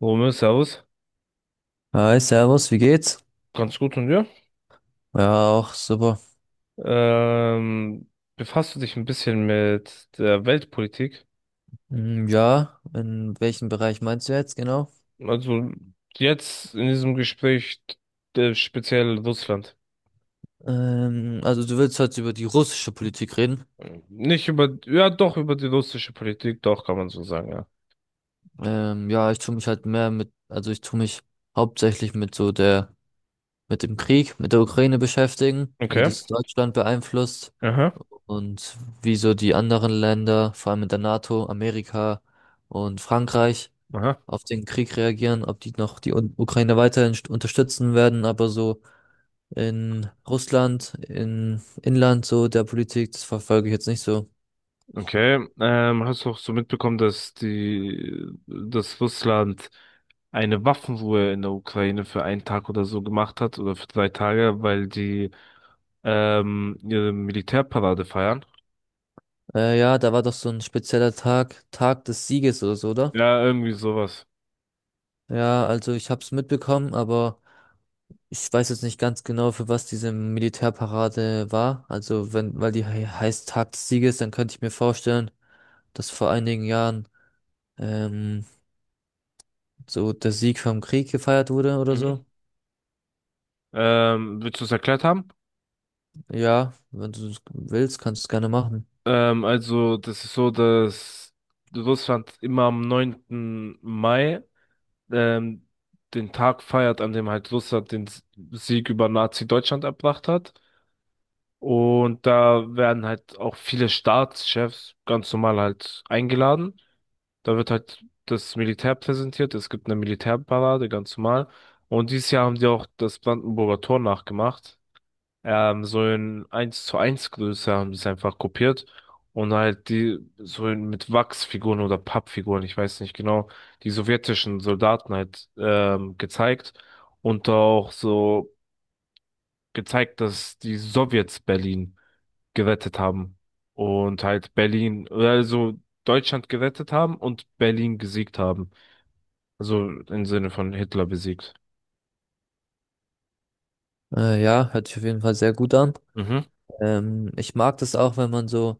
Romeo, Servus. Hi, Servus, wie geht's? Ganz gut und dir? Ja, auch super. Ähm, befasst du dich ein bisschen mit der Weltpolitik? Ja, in welchem Bereich meinst du jetzt genau? Also jetzt in diesem Gespräch speziell Russland. Also du willst heute über die russische Politik reden. Nicht über, ja doch, über die russische Politik, doch, kann man so sagen, ja. Ja, ich tue mich halt mehr mit, also ich tue mich hauptsächlich mit so der, mit dem Krieg, mit der Ukraine beschäftigen, wie Okay. das Deutschland beeinflusst Aha. und wie so die anderen Länder, vor allem in der NATO, Amerika und Frankreich, Aha. auf den Krieg reagieren, ob die noch die Ukraine weiterhin unterstützen werden, aber so in Russland, in Inland, so der Politik, das verfolge ich jetzt nicht so. Okay. Hast du auch so mitbekommen, dass dass Russland eine Waffenruhe in der Ukraine für einen Tag oder so gemacht hat oder für 3 Tage, weil die ihre Militärparade feiern. Ja, da war doch so ein spezieller Tag, Tag des Sieges oder so, oder? Ja, irgendwie sowas. Ja, also ich hab's mitbekommen, aber ich weiß jetzt nicht ganz genau, für was diese Militärparade war. Also wenn, weil die he heißt Tag des Sieges, dann könnte ich mir vorstellen, dass vor einigen Jahren ähm, so der Sieg vom Krieg gefeiert wurde oder Mhm. so. Willst du es erklärt haben? Ja, wenn du es willst, kannst du es gerne machen. Also, das ist so, dass Russland immer am 9. Mai ähm, den Tag feiert, an dem halt Russland den Sieg über Nazi-Deutschland erbracht hat. Und da werden halt auch viele Staatschefs ganz normal halt eingeladen. Da wird halt das Militär präsentiert. Es gibt eine Militärparade, ganz normal. Und dieses Jahr haben die auch das Brandenburger Tor nachgemacht. So in eins zu eins Größe haben die es einfach kopiert. Und halt die, so in, mit Wachsfiguren oder Pappfiguren, ich weiß nicht genau, die sowjetischen Soldaten halt gezeigt. Und auch so gezeigt, dass die Sowjets Berlin gerettet haben. Und halt Berlin, also Deutschland gerettet haben und Berlin gesiegt haben. Also im Sinne von Hitler besiegt. Ja, hört sich auf jeden Fall sehr gut an. Mhm. Ich mag das auch, wenn man so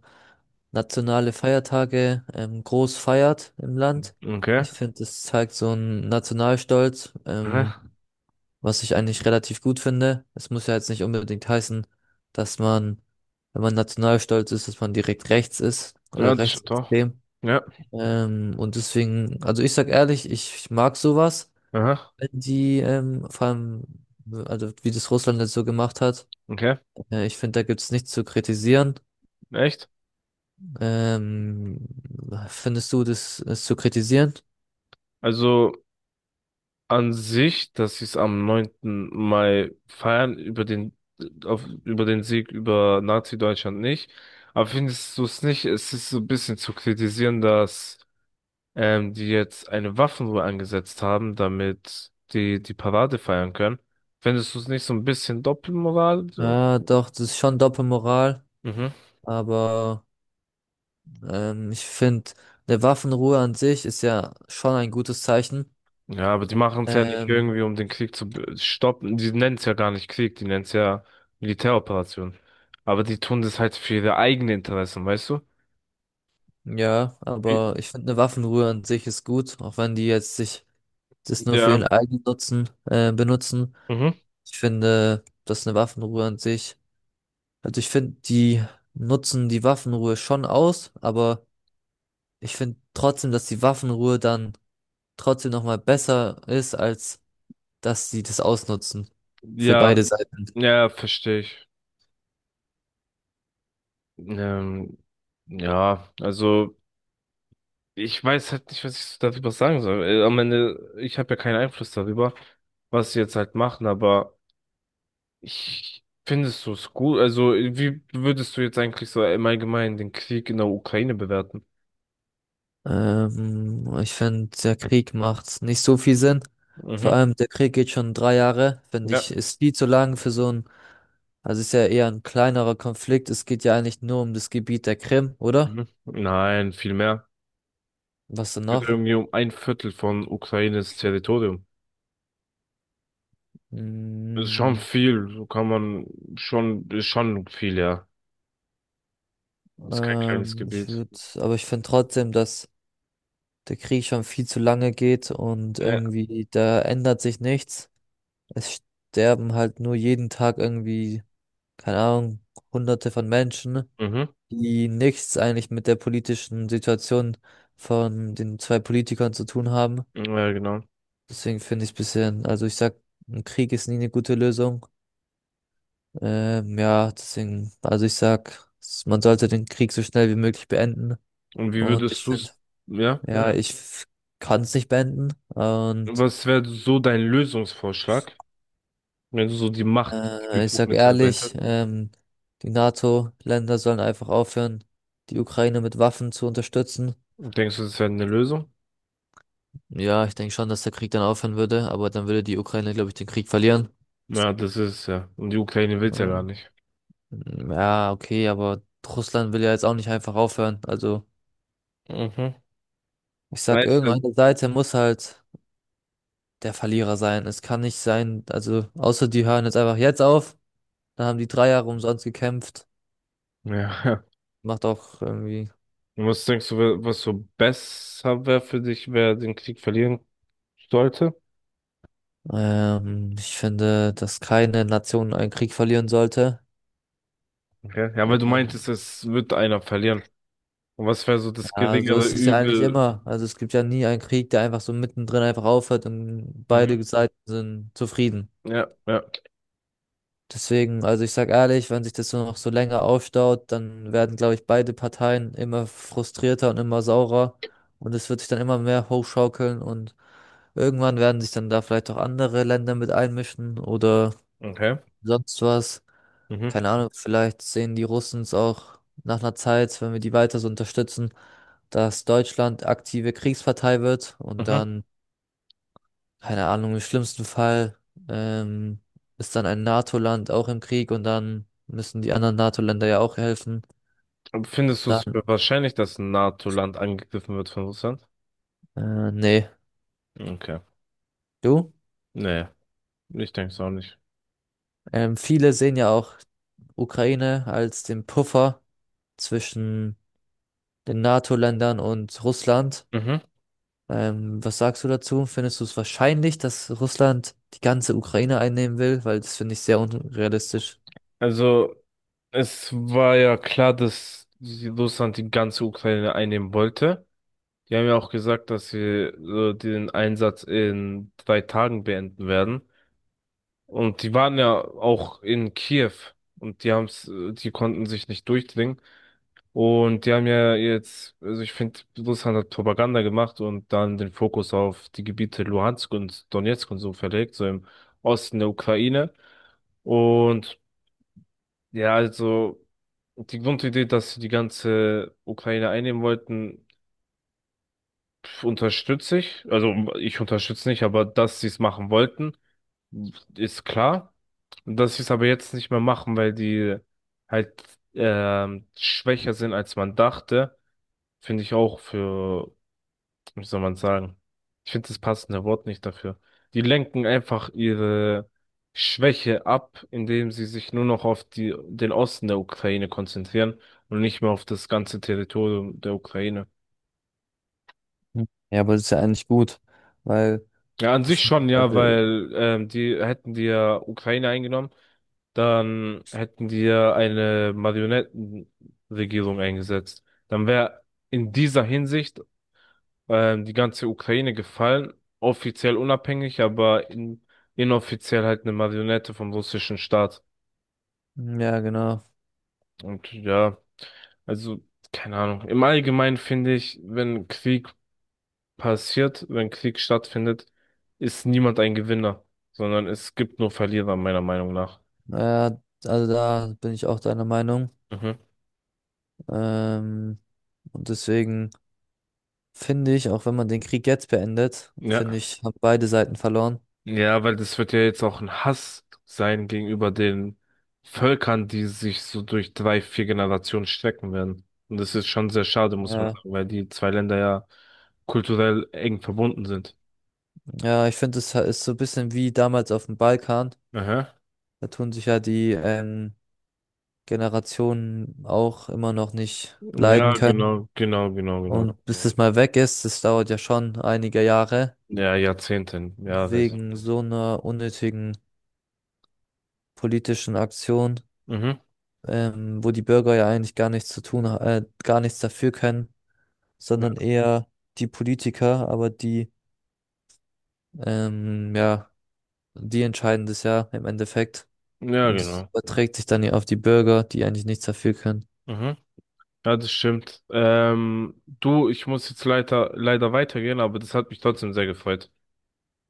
nationale Feiertage groß feiert im Land. Okay. Ich finde, das zeigt so einen Nationalstolz, Aha. was ich eigentlich relativ gut finde. Es muss ja jetzt nicht unbedingt heißen, dass man, wenn man nationalstolz ist, dass man direkt rechts ist Ja, oder das stimmt doch. rechtsextrem. Ja. Und deswegen, also ich sag ehrlich, ich mag sowas, Aha. wenn die, vor allem, also wie das Russland jetzt so gemacht hat. Okay. Ich finde, da gibt's nichts zu kritisieren. Echt? Ähm, Findest du das, es zu kritisieren? Also an sich, dass sie es am 9. Mai feiern, über den, auf, über den Sieg über Nazi-Deutschland nicht. Aber findest du es nicht? Es ist so ein bisschen zu kritisieren, dass die jetzt eine Waffenruhe angesetzt haben, damit die Parade feiern können. Findest du es nicht so ein bisschen Doppelmoral? So? Ah, doch, das ist schon Doppelmoral, Mhm. aber ich finde, eine Waffenruhe an sich ist ja schon ein gutes Zeichen. Ja, aber die machen es ja nicht Ähm, irgendwie, um den Krieg zu stoppen. Die nennen es ja gar nicht Krieg, die nennen es ja Militäroperation. Aber die tun das halt für ihre eigenen Interessen, weißt du? ja, Wie- aber ich finde, eine Waffenruhe an sich ist gut, auch wenn die jetzt sich das nur für Ja, ihren eigenen Nutzen benutzen. mhm. Ich finde, dass eine Waffenruhe an sich. Also ich finde, die nutzen die Waffenruhe schon aus, aber ich finde trotzdem, dass die Waffenruhe dann trotzdem nochmal besser ist, als dass sie das ausnutzen. Für beide Ja, Seiten. ja, verstehe ich. Ähm, ja, also ich weiß halt nicht, was ich so darüber sagen soll. Am Ende, ich habe ja keinen Einfluss darüber, was sie jetzt halt machen, aber ich findest du es gut? Also, wie würdest du jetzt eigentlich so im Allgemeinen den Krieg in der Ukraine bewerten? Ich finde, der Krieg macht nicht so viel Sinn. Vor Mhm. allem, der Krieg geht schon 3 Jahre. Finde ich, Ja. ist viel zu lang für so ein, also ist ja eher ein kleinerer Konflikt. Es geht ja eigentlich nur um das Gebiet der Krim, oder? Mhm. Nein, viel mehr. Was denn Es geht noch? irgendwie um ein Viertel von Ukraines Territorium. Ist schon Mm, viel, so kann man schon, ist schon viel, ja. Ist kein kleines Ich Gebiet. würde, aber ich finde trotzdem, dass der Krieg schon viel zu lange geht und Ja. irgendwie da ändert sich nichts. Es sterben halt nur jeden Tag irgendwie, keine Ahnung, Hunderte von Menschen, Mhm. die nichts eigentlich mit der politischen Situation von den zwei Politikern zu tun haben. Ja, genau. Deswegen finde ich es bisschen, also ich sag, ein Krieg ist nie eine gute Lösung. Ja, deswegen, also ich sag, man sollte den Krieg so schnell wie möglich beenden. Und wie Und würdest ich finde, du's, ja, ja. ja, ich kann es nicht beenden. Und Was wäre so dein Lösungsvorschlag, wenn du so die Macht, die ich sag Befugnisse ehrlich, erweitert? Die NATO-Länder sollen einfach aufhören, die Ukraine mit Waffen zu unterstützen. Denkst du, das wäre eine Lösung? Ja, ich denke schon, dass der Krieg dann aufhören würde, aber dann würde die Ukraine, glaube ich, den Krieg verlieren. Ja, das ist ja. Und die Ukraine will's ja gar Ähm, nicht. Ja, okay, aber Russland will ja jetzt auch nicht einfach aufhören. Also Mhm. ich sag, Weißt du? irgendeine Seite muss halt der Verlierer sein. Es kann nicht sein, also außer die hören jetzt einfach jetzt auf, dann haben die 3 Jahre umsonst gekämpft. Ja. Macht auch irgendwie. Und was denkst du, was so besser wäre für dich, wer den Krieg verlieren sollte? Ich finde, dass keine Nation einen Krieg verlieren sollte. Okay. Ja, weil du meintest, Ähm, es wird einer verlieren. Und was wäre so das ja, so geringere ist es ja eigentlich Übel? immer. Also es gibt ja nie einen Krieg, der einfach so mittendrin einfach aufhört und beide Mhm. Seiten sind zufrieden. Ja, ja. Deswegen, also ich sag ehrlich, wenn sich das so noch so länger aufstaut, dann werden, glaube ich, beide Parteien immer frustrierter und immer saurer. Und es wird sich dann immer mehr hochschaukeln und irgendwann werden sich dann da vielleicht auch andere Länder mit einmischen oder Okay. sonst was. Mhm. Keine Ahnung, vielleicht sehen die Russen es auch nach einer Zeit, wenn wir die weiter so unterstützen, dass Deutschland aktive Kriegspartei wird und Mhm. dann, keine Ahnung, im schlimmsten Fall ähm, ist dann ein NATO-Land auch im Krieg und dann müssen die anderen NATO-Länder ja auch helfen. Und findest du es Dann, für wahrscheinlich, dass ein NATO-Land angegriffen wird von Russland? Nee, Okay. du? Nee, ich denke es auch nicht. Viele sehen ja auch Ukraine als den Puffer zwischen den NATO-Ländern und Russland. Mhm. Was sagst du dazu? Findest du es wahrscheinlich, dass Russland die ganze Ukraine einnehmen will? Weil das finde ich sehr unrealistisch. Also, es war ja klar, dass Russland die ganze Ukraine einnehmen wollte. Die haben ja auch gesagt, dass sie so den Einsatz in 3 Tagen beenden werden. Und die waren ja auch in Kiew und die haben's, die konnten sich nicht durchdringen. Und die haben ja jetzt, also ich finde, Russland hat Propaganda gemacht und dann den Fokus auf die Gebiete Luhansk und Donezk und so verlegt, so im Osten der Ukraine. Und ja, also die Grundidee, dass sie die ganze Ukraine einnehmen wollten, unterstütze ich. Also ich unterstütze nicht, aber dass sie es machen wollten, ist klar. Dass sie es aber jetzt nicht mehr machen, weil die halt schwächer sind, als man dachte, finde ich auch für, wie soll man sagen, ich finde das passende Wort nicht dafür. Die lenken einfach ihre Schwäche ab, indem sie sich nur noch auf die, den Osten der Ukraine konzentrieren und nicht mehr auf das ganze Territorium der Ukraine. Hm. Ja, aber das ist ja eigentlich gut, weil, Ja, an ich, sich schon, ja, also, weil die hätten die ja Ukraine eingenommen, dann hätten die ja eine Marionettenregierung eingesetzt. Dann wäre in dieser Hinsicht die ganze Ukraine gefallen, offiziell unabhängig, aber in, inoffiziell halt eine Marionette vom russischen Staat. hm, ja, genau. Und ja, also keine Ahnung. Im Allgemeinen finde ich, wenn Krieg passiert, wenn Krieg stattfindet, ist niemand ein Gewinner, sondern es gibt nur Verlierer, meiner Meinung nach. Äh, also da bin ich auch deiner Meinung. Mhm. Ähm, und deswegen finde ich, auch wenn man den Krieg jetzt beendet, finde Ja. ich, haben beide Seiten verloren. Ja, weil das wird ja jetzt auch ein Hass sein gegenüber den Völkern, die sich so durch drei, vier Generationen strecken werden. Und das ist schon sehr schade, muss man Äh, sagen, weil die zwei Länder ja kulturell eng verbunden sind. ja, ich finde, es ist so ein bisschen wie damals auf dem Balkan. Aha. Da tun sich ja die Generationen auch immer noch nicht leiden Ja, können. genau, genau, genau, genau. Und bis es mal weg ist, das dauert ja schon einige Jahre, Ja, Jahrzehnten, ja, das. wegen so einer unnötigen politischen Aktion, Mhm. Wo die Bürger ja eigentlich gar nichts zu tun, gar nichts dafür können, Ja, sondern eher die Politiker, aber die, ja, die entscheiden das ja im Endeffekt. ja, Und es genau. überträgt sich dann ja auf die Bürger, die eigentlich nichts dafür können. Mhm. Ja, das stimmt. Du, ich muss jetzt leider, leider weitergehen, aber das hat mich trotzdem sehr gefreut.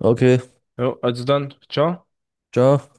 Okay, Ja, also dann, ciao. ciao.